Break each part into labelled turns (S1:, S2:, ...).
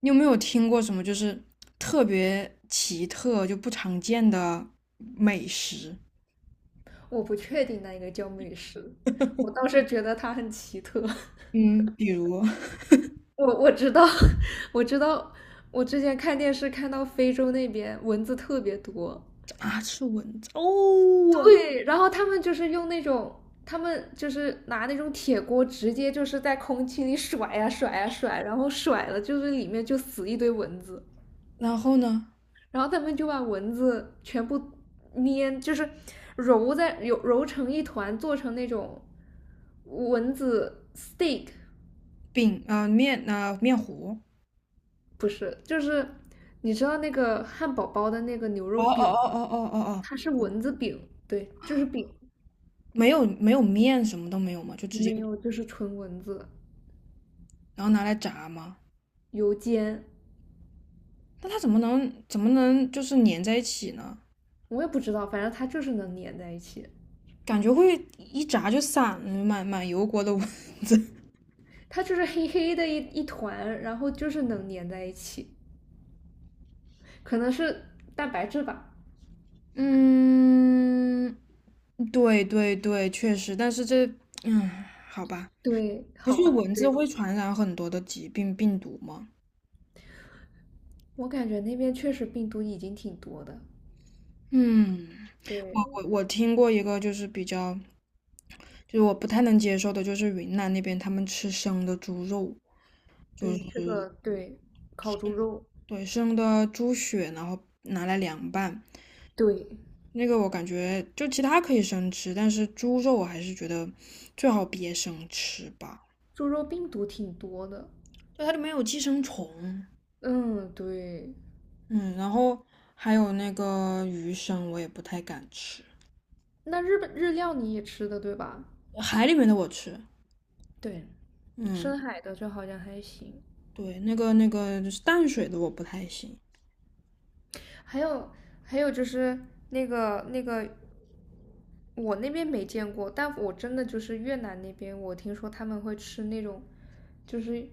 S1: 你有没有听过什么就是特别奇特就不常见的美食？
S2: 我不确定那个叫美食，我 倒是觉得它很奇特。
S1: 嗯，比如
S2: 我知道，我知道，我之前看电视看到非洲那边蚊子特别多，
S1: 啊，吃蚊子，哦。
S2: 对，然后他们就是用那种。他们就是拿那种铁锅，直接就是在空气里甩呀、甩呀、甩，然后甩了就是里面就死一堆蚊子，
S1: 然后呢？
S2: 然后他们就把蚊子全部粘，就是揉揉成一团，做成那种蚊子 steak，
S1: 饼啊、面啊、面糊。
S2: 不是，就是你知道那个汉堡包的那个牛
S1: 哦
S2: 肉
S1: 哦
S2: 饼
S1: 哦
S2: 吗？
S1: 哦哦哦哦，
S2: 它是蚊子饼，对，就是饼，
S1: 没有没有面，什么都没有嘛，就直接
S2: 没有，就是纯蚊子
S1: 然后拿来炸嘛。
S2: 油煎，
S1: 那它怎么能就是粘在一起呢？
S2: 我也不知道，反正它就是能粘在一起，
S1: 感觉会一炸就散了，满满油锅的 蚊子。
S2: 它就是黑黑的一团，然后就是能粘在一起，可能是蛋白质吧。
S1: 嗯，对对对，确实，但是这，嗯，好吧。
S2: 对，
S1: 不
S2: 好
S1: 是
S2: 吧，
S1: 蚊子
S2: 对，
S1: 会传染很多的疾病病毒吗？
S2: 我感觉那边确实病毒已经挺多的。
S1: 嗯，我
S2: 对
S1: 我我听过一个就是比较，就是我不太能接受的，就是云南那边他们吃生的猪肉，就是
S2: 对，这个对，烤猪肉，
S1: 对生的猪血，然后拿来凉拌。
S2: 对，
S1: 那个我感觉就其他可以生吃，但是猪肉我还是觉得最好别生吃吧，
S2: 猪肉病毒挺多的。
S1: 就它里面有寄生虫。
S2: 嗯，对，
S1: 嗯，然后还有那个鱼生，我也不太敢吃。
S2: 那日本日料你也吃的对吧？
S1: 海里面的我吃，
S2: 对，
S1: 嗯，
S2: 深海的就好像还行。
S1: 对，那个就是淡水的我不太行。
S2: 还有还有就是那个，我那边没见过，但我真的就是越南那边，我听说他们会吃那种，就是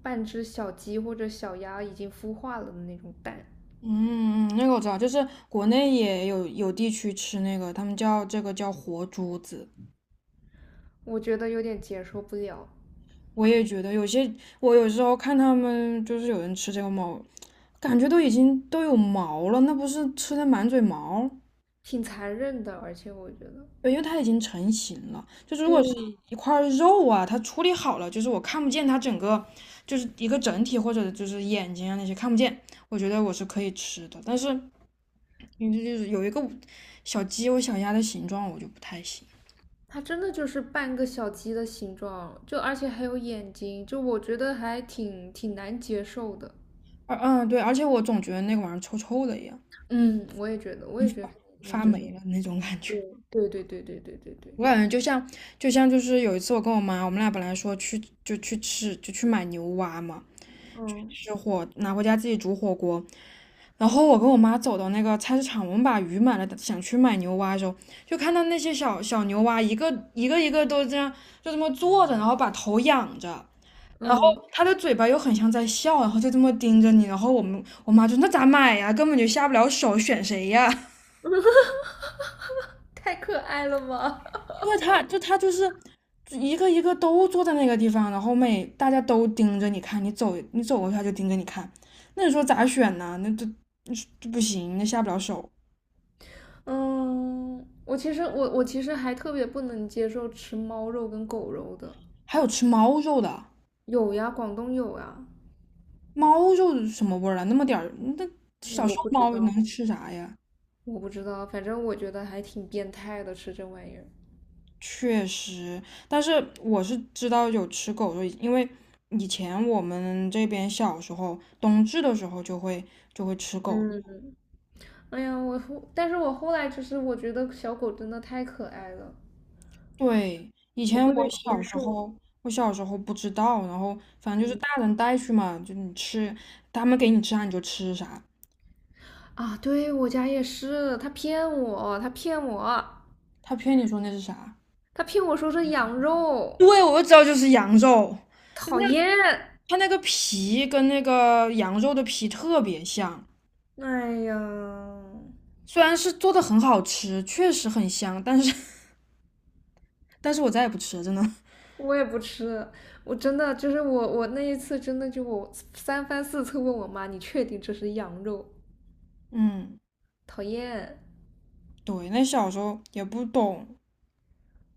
S2: 半只小鸡或者小鸭已经孵化了的那种蛋，
S1: 嗯嗯，那个我知道，就是国内也有有地区吃那个，他们叫这个叫活珠子。
S2: 我觉得有点接受不了，
S1: 我也觉得有些，我有时候看他们就是有人吃这个毛，感觉都已经都有毛了，那不是吃的满嘴毛？
S2: 挺残忍的，而且我觉得，
S1: 对，因为它已经成型了。就是如果是
S2: 对，
S1: 一块肉啊，它处理好了，就是我看不见它整个，就是一个整体或者就是眼睛啊那些看不见，我觉得我是可以吃的。但是你就是有一个小鸡或小鸭的形状，我就不太行。
S2: 它真的就是半个小鸡的形状，就而且还有眼睛，就我觉得还挺难接受的。
S1: 嗯，对，而且我总觉得那个玩意儿臭臭的一样，
S2: 嗯，我也觉得，我也觉得，嗯，
S1: 发
S2: 就是
S1: 霉了那种感觉。
S2: 对对对对对对对对，
S1: 我感觉就像，就是有一次我跟我妈，我们俩本来说去就去买牛蛙嘛，
S2: 嗯
S1: 吃火拿回家自己煮火锅。然后我跟我妈走到那个菜市场，我们把鱼买了，想去买牛蛙的时候，就看到那些小小牛蛙，一个一个都这样，就这么坐着，然后把头仰着，然后
S2: 嗯，
S1: 它的嘴巴又很像在笑，然后就这么盯着你。然后我妈就那咋买呀？根本就下不了手，选谁呀？
S2: 太可爱了吧。
S1: 因为它就是一个一个都坐在那个地方，然后每大家都盯着你看，你走过去它就盯着你看，那你说咋选呢？那这这不行，那下不了手。
S2: 嗯，我其实还特别不能接受吃猫肉跟狗肉的，
S1: 还有吃猫肉的。
S2: 有呀，广东有呀，
S1: 猫肉什么味儿啊？那么点儿，那小时
S2: 我
S1: 候
S2: 不知
S1: 猫
S2: 道，
S1: 能吃啥呀？
S2: 我不知道，反正我觉得还挺变态的，吃这玩意儿。
S1: 确实，但是我是知道有吃狗肉，因为以前我们这边小时候冬至的时候就会吃狗。
S2: 嗯哎呀，但是我后来就是我觉得小狗真的太可爱了，
S1: 对，以
S2: 我
S1: 前
S2: 不
S1: 我
S2: 能接
S1: 小时
S2: 受。
S1: 候我小时候不知道，然后反正就是
S2: 嗯
S1: 大人带去嘛，就你吃，他们给你吃啥你就吃啥。
S2: 啊，对我家也是，他骗我，他骗我，
S1: 他骗你说那是啥？
S2: 他骗我说是羊肉，
S1: 对，我就知道就是羊肉，
S2: 讨厌。
S1: 它那个皮跟那个羊肉的皮特别像。
S2: 哎呀，
S1: 虽然是做的很好吃，确实很香，但是 但是我再也不吃了，真的。
S2: 我也不吃，我真的就是我那一次真的就我三番四次问我妈，你确定这是羊肉？
S1: 嗯，
S2: 讨厌。
S1: 对，那小时候也不懂，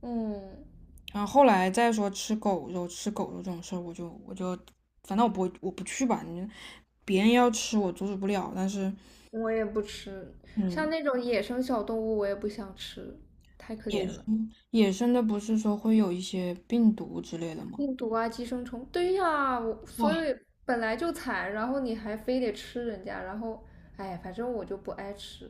S2: 嗯，
S1: 然后后来再说吃狗肉、吃狗肉这种事儿，我就反正我不去吧，你别人要吃我阻止不了，但是
S2: 我也不吃，像
S1: 嗯，
S2: 那种野生小动物我也不想吃，太可怜了。
S1: 野生的不是说会有一些病毒之类的吗？
S2: 病毒啊，寄生虫，对呀，我所
S1: 哇，
S2: 以本来就惨，然后你还非得吃人家，然后，哎，反正我就不爱吃。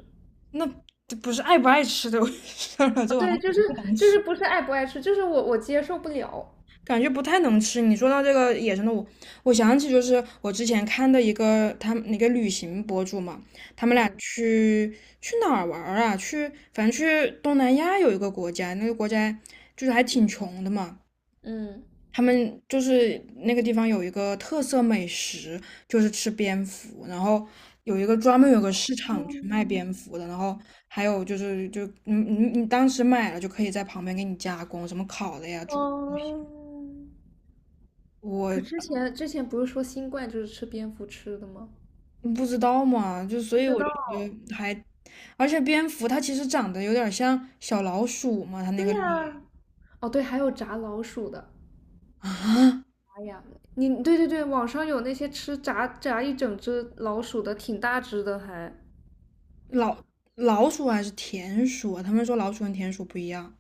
S1: 那这不是爱不爱吃的 事儿了，
S2: 啊，
S1: 这玩意
S2: 对，就
S1: 儿。
S2: 是就是不是爱不爱吃，就是我接受不了。
S1: 感觉不太能吃。你说到这个野生的，我我想起就是我之前看的一个他们那个旅行博主嘛，他们俩
S2: 嗯
S1: 去去哪儿玩儿啊？去反正去东南亚有一个国家，那个国家就是还挺穷的嘛。
S2: 嗯
S1: 他们就是那个地方有一个特色美食，就是吃蝙蝠，然后有一个专门有个市场去卖
S2: 嗯
S1: 蝙蝠的，然后还有就是就你当时买了就可以在旁边给你加工，什么烤的呀、煮
S2: 嗯，可之
S1: 我
S2: 前之前不是说新冠就是吃蝙蝠吃的吗？
S1: 你不知道嘛，就所
S2: 不
S1: 以
S2: 知
S1: 我觉
S2: 道。
S1: 得还，而且蝙蝠它其实长得有点像小老鼠嘛，它那
S2: 对
S1: 个脸
S2: 呀，哦对，还有炸老鼠的。
S1: 啊。
S2: 哎呀，你对对对，网上有那些吃炸一整只老鼠的，挺大只的还。
S1: 老老鼠还是田鼠啊？他们说老鼠跟田鼠不一样，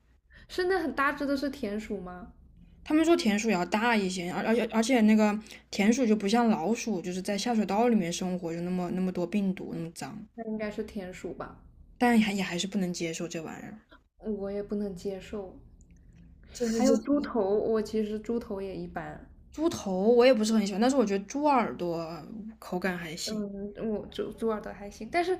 S2: 是那很大只的是田鼠吗？
S1: 他们说田鼠也要大一些，而且那个田鼠就不像老鼠，就是在下水道里面生活，就那么那么多病毒，那么脏，
S2: 那应该是田鼠吧，
S1: 但还也还是不能接受这玩意儿。
S2: 我也不能接受。
S1: 这
S2: 还有
S1: 这
S2: 猪
S1: 这
S2: 头，我其实猪头也一般。
S1: 猪头我也不是很喜欢，但是我觉得猪耳朵口感还行。
S2: 嗯，我猪耳朵还行，但是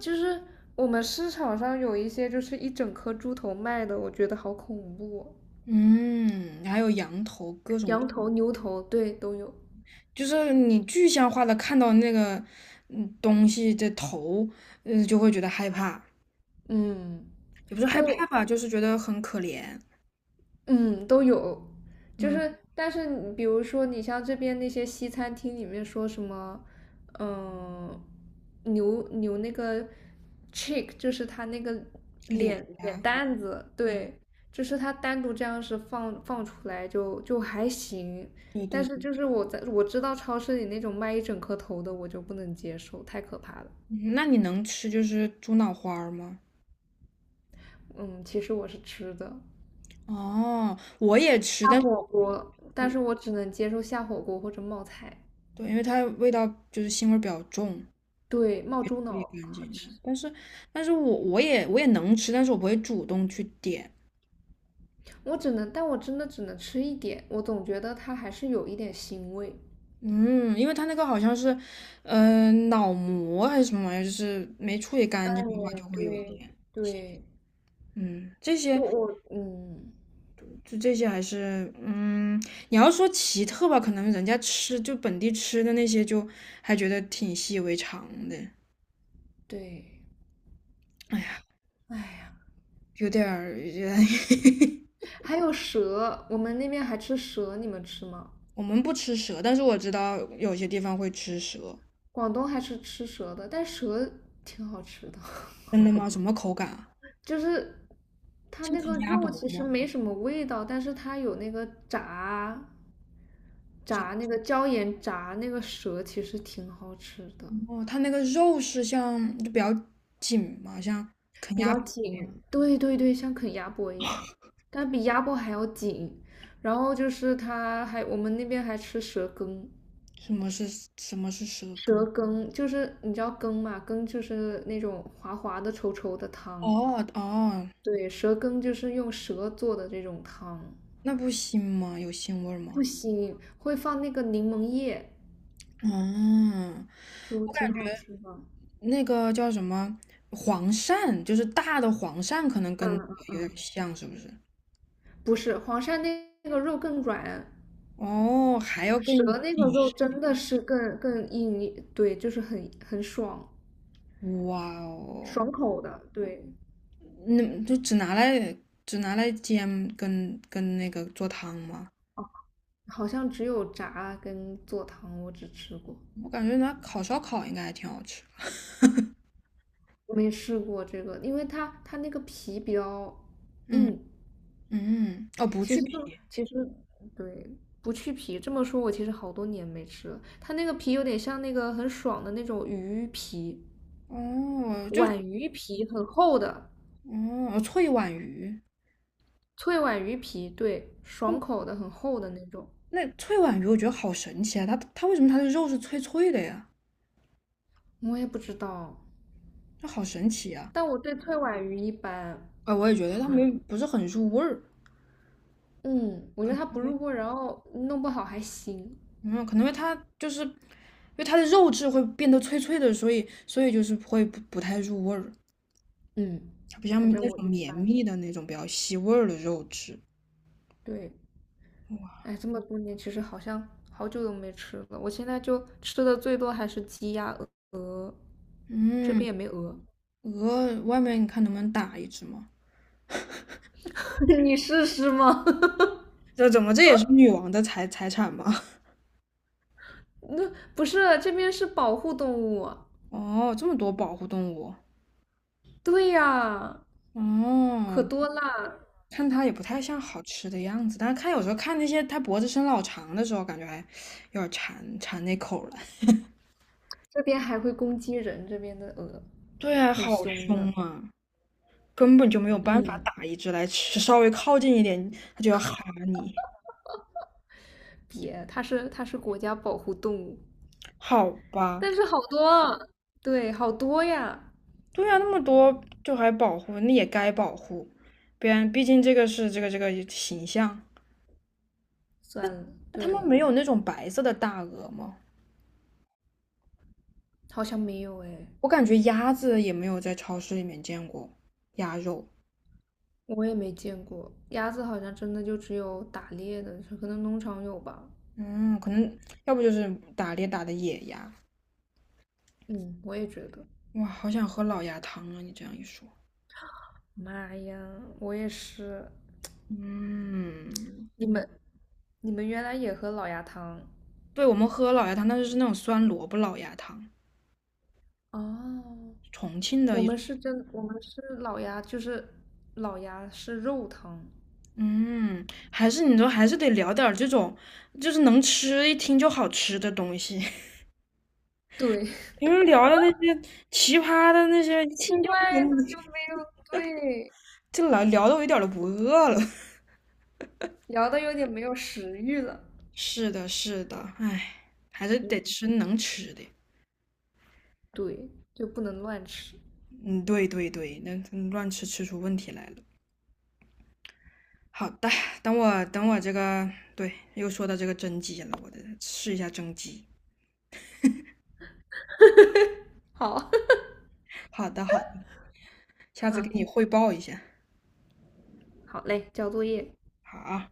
S2: 就是我们市场上有一些就是一整颗猪头卖的，我觉得好恐怖哦。
S1: 嗯，还有羊头，各种。
S2: 羊头、牛头，对，都有。
S1: 就是你具象化的看到那个东西的头，嗯，就会觉得害怕，
S2: 嗯，
S1: 也不是害怕
S2: 就
S1: 吧，就是觉得很可怜。
S2: 嗯，都有，就
S1: 嗯，
S2: 是但是你比如说你像这边那些西餐厅里面说什么，嗯、牛那个 chick 就是他那个
S1: 脸
S2: 脸
S1: 呀，
S2: 蛋子，对，就是他单独这样是放出来就还行，
S1: 对
S2: 但
S1: 对
S2: 是
S1: 对。
S2: 就是我知道超市里那种卖一整颗头的我就不能接受，太可怕了。
S1: 嗯，那你能吃就是猪脑花儿吗？
S2: 嗯，其实我是吃的
S1: 哦，我也吃，
S2: 下
S1: 但是
S2: 火锅，但
S1: 我
S2: 是我只能接受下火锅或者冒菜。
S1: 对，因为它味道就是腥味儿比较重，
S2: 对，冒猪
S1: 也
S2: 脑
S1: 干
S2: 好
S1: 净。
S2: 吃，
S1: 但是，但是我也我也能吃，但是我不会主动去点。
S2: 我只能，但我真的只能吃一点，我总觉得它还是有一点腥味。
S1: 嗯，因为它那个好像是，嗯，脑膜还是什么玩意儿，就是没处理干净的话
S2: 对
S1: 就会有一
S2: 对
S1: 点。
S2: 对，
S1: 嗯，这
S2: 就
S1: 些
S2: 我嗯
S1: 就这些还是，嗯，你要说奇特吧，可能人家吃就本地吃的那些就还觉得挺习以为常的。
S2: 对，
S1: 哎呀，
S2: 哎呀，
S1: 有点儿，
S2: 还有蛇，我们那边还吃蛇，你们吃吗？
S1: 我们不吃蛇，但是我知道有些地方会吃蛇。
S2: 广东还是吃蛇的，但蛇挺好吃的，
S1: 真的吗？什么口感啊？
S2: 就是它
S1: 是
S2: 那
S1: 烤
S2: 个
S1: 鸭脖
S2: 肉其实
S1: 吗？
S2: 没什么味道，但是它有那个炸
S1: 是啊。
S2: 炸那个椒盐炸那个蛇，其实挺好吃的。
S1: 哦，它那个肉是像就比较紧嘛，像啃
S2: 比
S1: 鸭
S2: 较
S1: 脖一样。
S2: 紧，对对对，像啃鸭脖一样，但比鸭脖还要紧。然后就是我们那边还吃蛇羹，
S1: 什么是什么是蛇
S2: 蛇
S1: 羹？
S2: 羹就是你知道羹嘛，羹就是那种滑滑的、稠稠的汤。
S1: 哦哦，
S2: 对，蛇羹就是用蛇做的这种汤，
S1: 那不腥吗？有腥味儿
S2: 不
S1: 吗？
S2: 腥，会放那个柠檬叶，
S1: 嗯，
S2: 就
S1: 我感
S2: 挺好吃的。
S1: 觉那个叫什么黄鳝，就是大的黄鳝，可能跟
S2: 嗯嗯
S1: 有点
S2: 嗯，
S1: 像，是不是？
S2: 不是，黄鳝那个肉更软，
S1: 哦，还要更
S2: 蛇那个
S1: 紧
S2: 肉
S1: 实。
S2: 真的是更硬对，就是很爽。
S1: 哇哦，
S2: 爽口的，对，
S1: 那就只拿来煎跟那个做汤吗？
S2: 好像只有炸跟做汤我只吃过，
S1: 我感觉拿烤烧烤应该还挺好吃的。
S2: 没试过这个，因为它那个皮比较
S1: 嗯
S2: 硬。
S1: 嗯，哦，不
S2: 其
S1: 去
S2: 实
S1: 皮。
S2: 这其实对，不去皮，这么说我其实好多年没吃了。它那个皮有点像那个很爽的那种鱼皮，
S1: 哦，就
S2: 皖鱼皮很厚的，
S1: 哦，脆皖鱼。
S2: 脆皖鱼皮，对，爽口的很厚的那种。
S1: 那脆皖鱼我觉得好神奇啊，它它为什么它的肉是脆脆的呀？
S2: 我也不知道，
S1: 那好神奇啊！
S2: 但我对脆皖鱼一般。
S1: 哎，我也觉得它没不是很入味儿，
S2: 嗯，我觉得它不入味儿然后弄不好还腥。
S1: 嗯，可能因为它就是因为它的肉质会变得脆脆的，所以就是会不太入味儿，
S2: 嗯，
S1: 它不
S2: 反
S1: 像
S2: 正
S1: 那
S2: 我
S1: 种
S2: 一
S1: 绵
S2: 般，
S1: 密的那种比较吸味儿的肉质。
S2: 对，哎，这么多年其实好像好久都没吃了，我现在就吃的最多还是鸡鸭鹅，这边
S1: 嗯，
S2: 也没鹅，
S1: 鹅外面你看能不能打一只吗？
S2: 你试试吗？
S1: 这怎么这也是女王的财产吗？
S2: 那不是这边是保护动物，
S1: 哦，这么多保护动物。
S2: 对呀，可
S1: 哦，
S2: 多啦，
S1: 看它也不太像好吃的样子，但是看有时候看那些它脖子伸老长的时候，感觉还有点馋那口了。
S2: 这边还会攻击人，这边的鹅
S1: 对啊，
S2: 很
S1: 好
S2: 凶
S1: 凶
S2: 的，
S1: 啊，根本就没有办法
S2: 嗯，
S1: 打一只来吃，稍微靠近一点它就要哈你。
S2: 别，它是国家保护动物，
S1: 好吧，
S2: 但是好多啊，对，好多呀，
S1: 对啊，那么多就还保护，那也该保护，不然毕竟这个是这个形象。
S2: 算了，
S1: 他们
S2: 对，
S1: 没有那种白色的大鹅吗？
S2: 好像没有哎。
S1: 我感觉鸭子也没有在超市里面见过鸭肉。
S2: 我也没见过，鸭子好像真的就只有打猎的，可能农场有吧。
S1: 嗯，可能要不就是打猎打的野鸭。
S2: 嗯，我也觉得。
S1: 哇，好想喝老鸭汤啊！你这样一说，
S2: 妈呀，我也是。
S1: 嗯，
S2: 你们，你们原来也喝老鸭汤
S1: 对，我们喝老鸭汤，但是是那种酸萝卜老鸭汤，
S2: 哦？
S1: 重庆的一种。
S2: 我们是老鸭，就是老鸭是肉汤。
S1: 嗯，还是你说还是得聊点儿这种，就是能吃一听就好吃的东西。
S2: 对，
S1: 因为聊的那些奇葩的那些，一
S2: 奇
S1: 听就不
S2: 怪的就
S1: 能，
S2: 没有，对，
S1: 这聊聊的我一点儿都不饿了。
S2: 聊的有点没有食欲了。
S1: 是的，是的，唉，还是得
S2: 嗯，
S1: 吃能吃的。
S2: 对，就不能乱吃。
S1: 嗯，对对对，那嗯乱吃吃出问题来了。好的，等我这个，对，又说到这个蒸鸡了，我得试一下蒸鸡。
S2: 好，
S1: 好的好的，下
S2: 好，
S1: 次给你汇报一下。
S2: 好嘞，交作业。
S1: 好啊